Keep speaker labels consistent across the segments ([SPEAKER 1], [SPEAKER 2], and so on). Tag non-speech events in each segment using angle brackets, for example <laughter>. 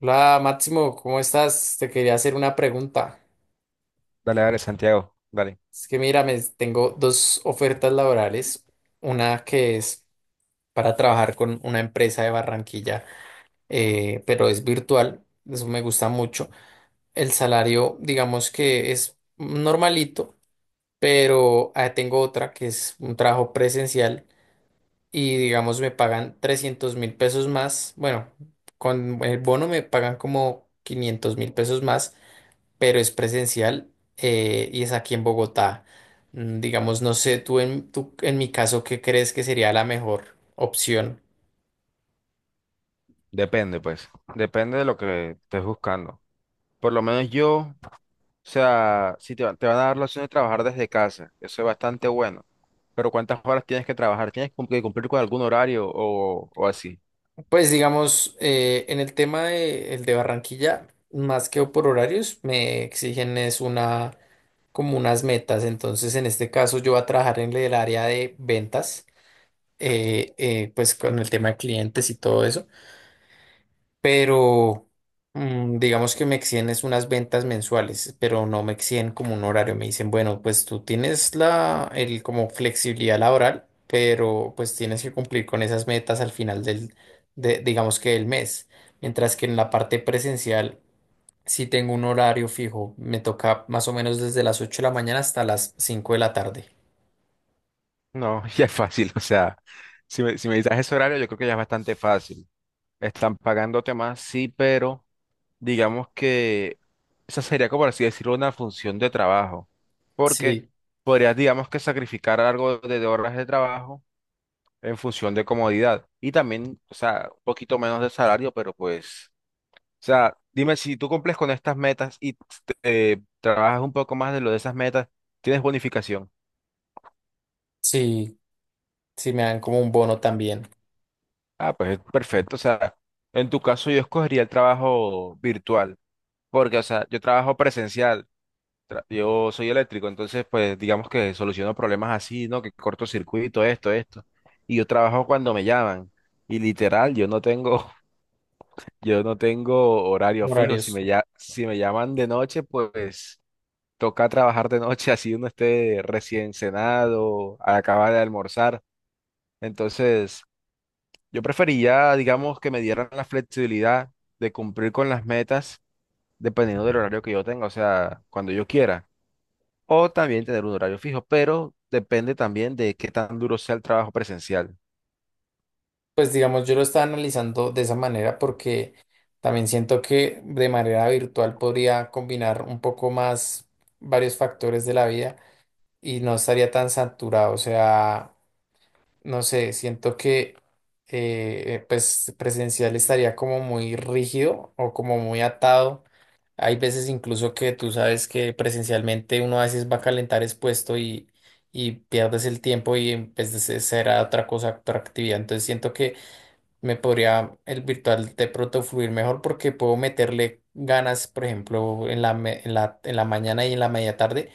[SPEAKER 1] Hola Máximo, ¿cómo estás? Te quería hacer una pregunta.
[SPEAKER 2] Dale, dale, Santiago, dale.
[SPEAKER 1] Es que mira, me tengo dos ofertas laborales. Una que es para trabajar con una empresa de Barranquilla, pero es virtual. Eso me gusta mucho. El salario, digamos que es normalito, pero tengo otra que es un trabajo presencial y digamos me pagan 300.000 pesos más. Bueno, con el bono me pagan como 500.000 pesos más, pero es presencial, y es aquí en Bogotá. Digamos, no sé, en mi caso, ¿qué crees que sería la mejor opción?
[SPEAKER 2] Depende, pues. Depende de lo que estés buscando. Por lo menos yo, o sea, si te van a dar la opción de trabajar desde casa, eso es bastante bueno. Pero ¿cuántas horas tienes que trabajar? ¿Tienes que cumplir con algún horario o así?
[SPEAKER 1] Pues digamos, en el tema de, el de Barranquilla, más que por horarios, me exigen es una, como unas metas. Entonces, en este caso, yo voy a trabajar en el área de ventas, pues con el tema de clientes y todo eso. Pero digamos que me exigen es unas ventas mensuales, pero no me exigen como un horario. Me dicen, bueno, pues tú tienes la, el como flexibilidad laboral, pero pues tienes que cumplir con esas metas al final digamos que del mes. Mientras que en la parte presencial sí tengo un horario fijo. Me toca más o menos desde las 8 de la mañana hasta las 5 de la tarde.
[SPEAKER 2] No, <laughs> ya es fácil, o sea, si me dices ese horario, yo creo que ya es bastante fácil. Están pagándote más, sí, pero digamos que esa sería, como por así decirlo, una función de trabajo. Porque
[SPEAKER 1] Sí,
[SPEAKER 2] podrías, digamos que sacrificar algo de horas de trabajo en función de comodidad y también, o sea, un poquito menos de salario, pero pues, o sea, dime si tú cumples con estas metas y trabajas un poco más de lo de esas metas, tienes bonificación.
[SPEAKER 1] sí, sí, me dan como un bono también,
[SPEAKER 2] Ah, pues perfecto, o sea, en tu caso yo escogería el trabajo virtual, porque, o sea, yo trabajo presencial, yo soy eléctrico, entonces, pues, digamos que soluciono problemas así, ¿no? Que cortocircuito, esto, y yo trabajo cuando me llaman. Y literal, yo no tengo. Yo no tengo horario fijo.
[SPEAKER 1] horarios.
[SPEAKER 2] Si me llaman de noche, pues toca trabajar de noche, <laughs> así uno esté recién cenado, al acabar de almorzar. Entonces, yo prefería digamos, que me dieran la flexibilidad de cumplir con las metas dependiendo del horario que yo tenga, o sea, cuando yo quiera. O también tener un horario fijo, pero depende también de qué tan duro sea el trabajo presencial.
[SPEAKER 1] Pues digamos, yo lo estaba analizando de esa manera porque también siento que de manera virtual podría combinar un poco más varios factores de la vida y no estaría tan saturado. O sea, no sé, siento que pues presencial estaría como muy rígido o como muy atado. Hay veces incluso que tú sabes que presencialmente uno a veces va a calentar expuesto y pierdes el tiempo y en vez de será otra cosa, otra actividad. Entonces siento que me podría el virtual de pronto fluir mejor porque puedo meterle ganas, por ejemplo, en la mañana y en la media tarde,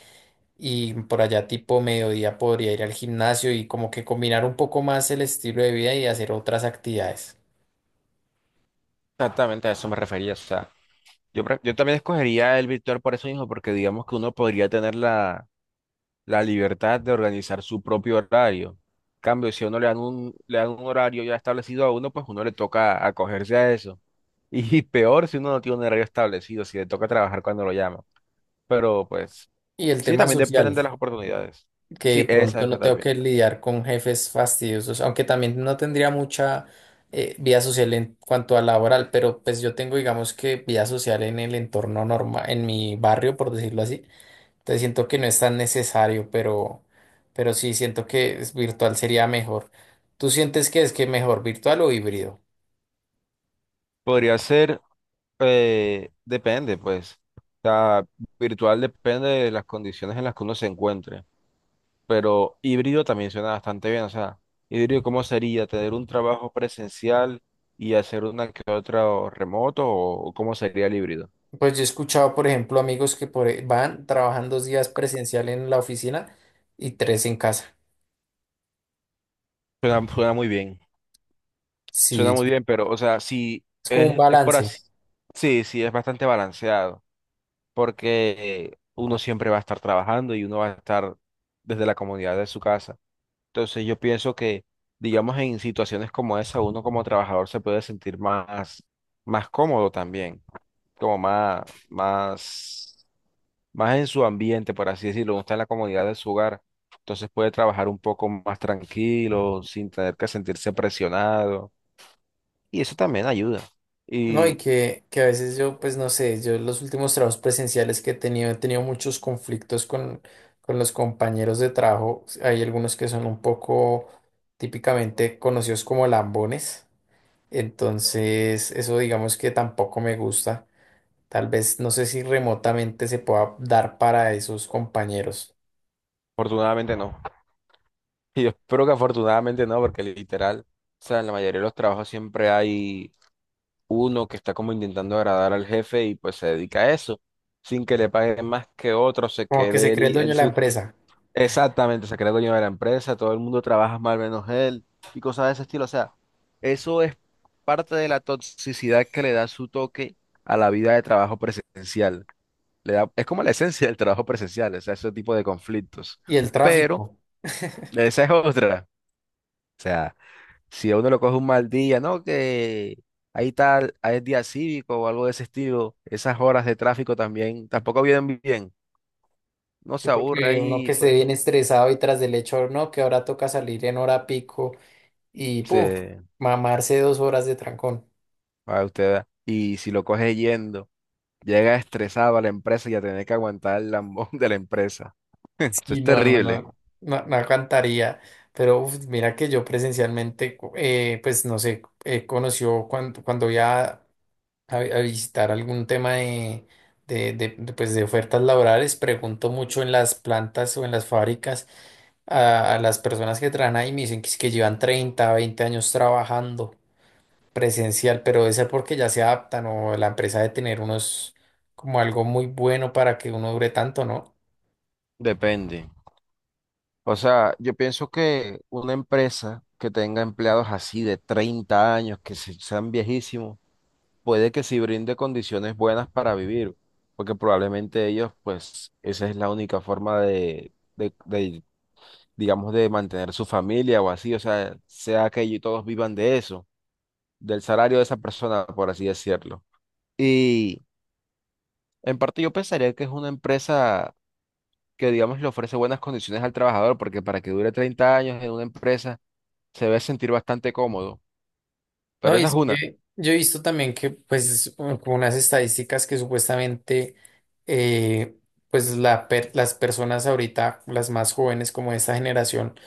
[SPEAKER 1] y por allá tipo mediodía podría ir al gimnasio y como que combinar un poco más el estilo de vida y hacer otras actividades.
[SPEAKER 2] Exactamente a eso me refería, o sea. Yo, yo también escogería el virtual por eso mismo, porque digamos que uno podría tener la libertad de organizar su propio horario. En cambio, si a uno le dan un horario ya establecido a uno, pues uno le toca acogerse a eso. <laughs> Y peor si uno no tiene un horario establecido, si le toca trabajar cuando lo llaman. Pero pues
[SPEAKER 1] Y el
[SPEAKER 2] sí,
[SPEAKER 1] tema
[SPEAKER 2] también dependen de
[SPEAKER 1] social,
[SPEAKER 2] las oportunidades.
[SPEAKER 1] que de
[SPEAKER 2] Sí, esa
[SPEAKER 1] pronto
[SPEAKER 2] misma
[SPEAKER 1] no tengo
[SPEAKER 2] también.
[SPEAKER 1] que lidiar con jefes fastidiosos, aunque también no tendría mucha vida social en cuanto a laboral, pero pues yo tengo, digamos que vida social en el entorno normal, en mi barrio, por decirlo así. Te siento que no es tan necesario, pero sí siento que es virtual sería mejor. ¿Tú sientes que es que mejor virtual o híbrido?
[SPEAKER 2] Podría ser, depende, pues. O sea, virtual depende de las condiciones en las que uno se encuentre, pero híbrido también suena bastante bien. O sea, híbrido, ¿cómo sería? ¿Tener un trabajo presencial y hacer una que otra o remoto? ¿O cómo sería el híbrido?
[SPEAKER 1] Pues yo he escuchado, por ejemplo, amigos que trabajan 2 días presencial en la oficina y 3 en casa.
[SPEAKER 2] Suena muy bien.
[SPEAKER 1] Sí,
[SPEAKER 2] Suena
[SPEAKER 1] es
[SPEAKER 2] muy bien, pero, o sea, sí,
[SPEAKER 1] es como un
[SPEAKER 2] es por
[SPEAKER 1] balance,
[SPEAKER 2] así. Sí, sí, es bastante balanceado, porque uno siempre va a estar trabajando y uno va a estar desde la comunidad de su casa. Entonces, yo pienso que, digamos, en situaciones como esa, uno como trabajador se puede sentir más cómodo también. como más, más, más en su ambiente, por así decirlo, está en la comodidad de su hogar. Entonces puede trabajar un poco más tranquilo, sin tener que sentirse presionado. Y eso también ayuda.
[SPEAKER 1] ¿no? Y
[SPEAKER 2] Y
[SPEAKER 1] que a veces yo, pues no sé, yo los últimos trabajos presenciales que he tenido muchos conflictos con los compañeros de trabajo. Hay algunos que son un poco típicamente conocidos como lambones. Entonces, eso digamos que tampoco me gusta. Tal vez no sé si remotamente se pueda dar para esos compañeros.
[SPEAKER 2] afortunadamente no. <laughs> Y yo espero que afortunadamente no, porque literal, o sea, en la mayoría de los trabajos siempre hay uno que está como intentando agradar al jefe y pues se dedica a eso, sin que le paguen más que otro, se
[SPEAKER 1] Como que
[SPEAKER 2] quede
[SPEAKER 1] se
[SPEAKER 2] él,
[SPEAKER 1] cree el
[SPEAKER 2] y-
[SPEAKER 1] dueño
[SPEAKER 2] él
[SPEAKER 1] de la empresa
[SPEAKER 2] Exactamente, se crea dueño de la empresa, todo el mundo trabaja mal menos él y cosas de ese estilo. O sea, eso es parte de la toxicidad que le da su toque a la vida de trabajo presencial. Le da, es como la esencia del trabajo presencial, o sea, ese tipo de conflictos.
[SPEAKER 1] y el
[SPEAKER 2] Pero
[SPEAKER 1] tráfico.
[SPEAKER 2] esa es otra. O sea, si a uno lo coge un mal día, ¿no? Que ahí es día cívico o algo de ese estilo, esas horas de tráfico también tampoco vienen bien. No
[SPEAKER 1] Sí,
[SPEAKER 2] se aburre
[SPEAKER 1] porque uno
[SPEAKER 2] ahí,
[SPEAKER 1] que esté bien
[SPEAKER 2] pues
[SPEAKER 1] estresado y tras del hecho, no, que ahora toca salir en hora pico y puf,
[SPEAKER 2] se
[SPEAKER 1] mamarse 2 horas de trancón.
[SPEAKER 2] para usted. Y si lo coge yendo, llega estresado a la empresa y a tener que aguantar el lambón <laughs> de la empresa. Eso es
[SPEAKER 1] Sí, no, no,
[SPEAKER 2] terrible.
[SPEAKER 1] no, no, no aguantaría. Pero uf, mira que yo presencialmente, pues no sé, conoció cuando, cuando ya a visitar algún tema pues, de ofertas laborales, pregunto mucho en las plantas o en las fábricas a las personas que trabajan ahí, me dicen que, es que llevan 30 20 años trabajando presencial, pero debe ser porque ya se adaptan o la empresa debe tener unos como algo muy bueno para que uno dure tanto, ¿no?
[SPEAKER 2] Depende. O sea, yo pienso que una empresa que tenga empleados así de 30 años, que sean viejísimos, puede que sí brinde condiciones buenas para vivir, porque probablemente ellos, pues, esa es la única forma digamos, de mantener su familia o así, o sea, sea que ellos todos vivan de eso, del salario de esa persona, por así decirlo. Y en parte yo pensaría que es una empresa que, digamos, le ofrece buenas condiciones al trabajador, porque para que dure 30 años en una empresa se debe sentir bastante cómodo.
[SPEAKER 1] No,
[SPEAKER 2] Pero
[SPEAKER 1] y
[SPEAKER 2] esa es
[SPEAKER 1] es
[SPEAKER 2] una.
[SPEAKER 1] que yo he visto también que pues como unas estadísticas que supuestamente eh, pues la las personas ahorita, las más jóvenes como de esta generación,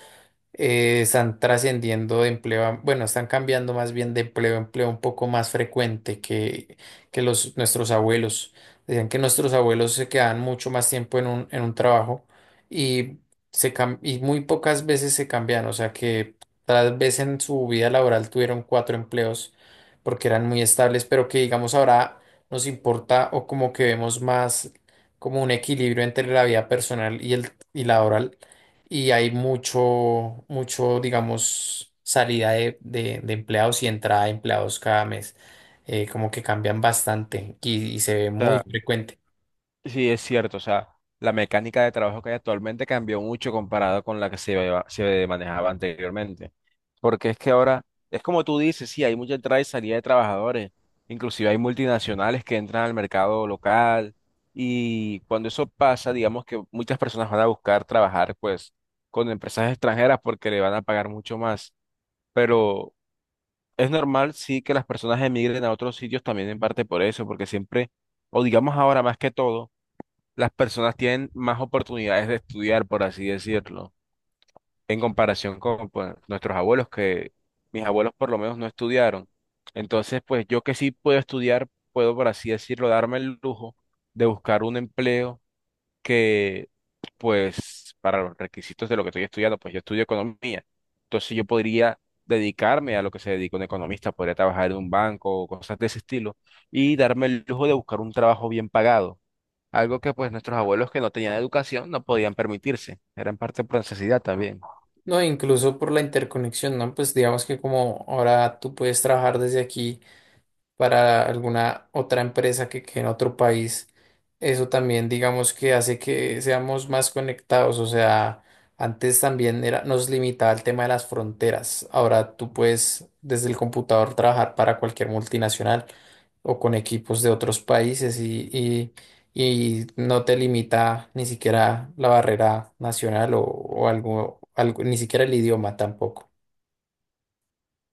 [SPEAKER 1] están trascendiendo de empleo, bueno, están cambiando más bien de empleo a empleo un poco más frecuente que los, nuestros abuelos. Decían que nuestros abuelos se quedaban mucho más tiempo en un trabajo y, y muy pocas veces se cambian, o sea que tal vez en su vida laboral tuvieron cuatro empleos porque eran muy estables, pero que digamos ahora nos importa o como que vemos más como un equilibrio entre la vida personal y, el, y laboral, y hay mucho, mucho, digamos, salida de empleados y entrada de empleados cada mes. Como que cambian bastante y se ve muy frecuente.
[SPEAKER 2] Sí, es cierto, o sea, la mecánica de trabajo que hay actualmente cambió mucho comparado con la que se manejaba anteriormente. Porque es que ahora, es como tú dices, sí, hay mucha entrada y salida de trabajadores, inclusive hay multinacionales que entran al mercado local y cuando eso pasa, digamos que muchas personas van a buscar trabajar pues con empresas extranjeras porque le van a pagar mucho más. Pero es normal, sí, que las personas emigren a otros sitios también en parte por eso, porque siempre, o digamos ahora más que todo, las personas tienen más oportunidades de estudiar, por así decirlo, en comparación con pues, nuestros abuelos, que mis abuelos por lo menos no estudiaron. Entonces, pues yo que sí puedo estudiar, puedo, por así decirlo, darme el lujo de buscar un empleo que, pues, para los requisitos de lo que estoy estudiando, pues yo estudio economía. Entonces yo podría dedicarme a lo que se dedica un economista, podría trabajar en un banco o cosas de ese estilo y darme el lujo de buscar un trabajo bien pagado, algo que pues nuestros abuelos que no tenían educación no podían permitirse. Era en parte por necesidad también.
[SPEAKER 1] No, incluso por la interconexión, ¿no? Pues digamos que como ahora tú puedes trabajar desde aquí para alguna otra empresa que en otro país. Eso también, digamos que hace que seamos más conectados. O sea, antes también era, nos limitaba el tema de las fronteras. Ahora tú puedes desde el computador trabajar para cualquier multinacional o con equipos de otros países y no te limita ni siquiera la barrera nacional o algo, ni siquiera el idioma tampoco.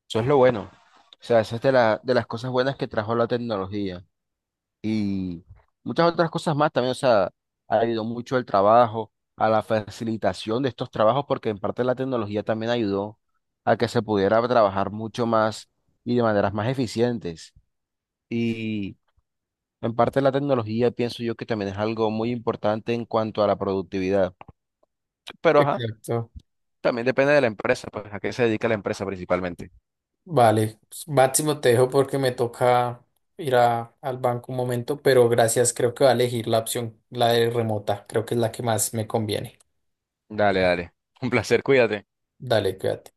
[SPEAKER 2] Eso es lo bueno. O sea, eso es de las cosas buenas que trajo la tecnología. Y muchas otras cosas más también. O sea, ha ayudado mucho el trabajo, a la facilitación de estos trabajos, porque en parte la tecnología también ayudó a que se pudiera trabajar mucho más y de maneras más eficientes. Y en parte la tecnología pienso yo que también es algo muy importante en cuanto a la productividad. Pero ajá.
[SPEAKER 1] Exacto.
[SPEAKER 2] También depende de la empresa, pues a qué se dedica la empresa principalmente.
[SPEAKER 1] Vale, pues, Máximo, te dejo porque me toca ir al banco un momento, pero gracias, creo que va a elegir la opción, la de remota, creo que es la que más me conviene.
[SPEAKER 2] Dale, dale. Un placer, cuídate.
[SPEAKER 1] Dale, cuídate.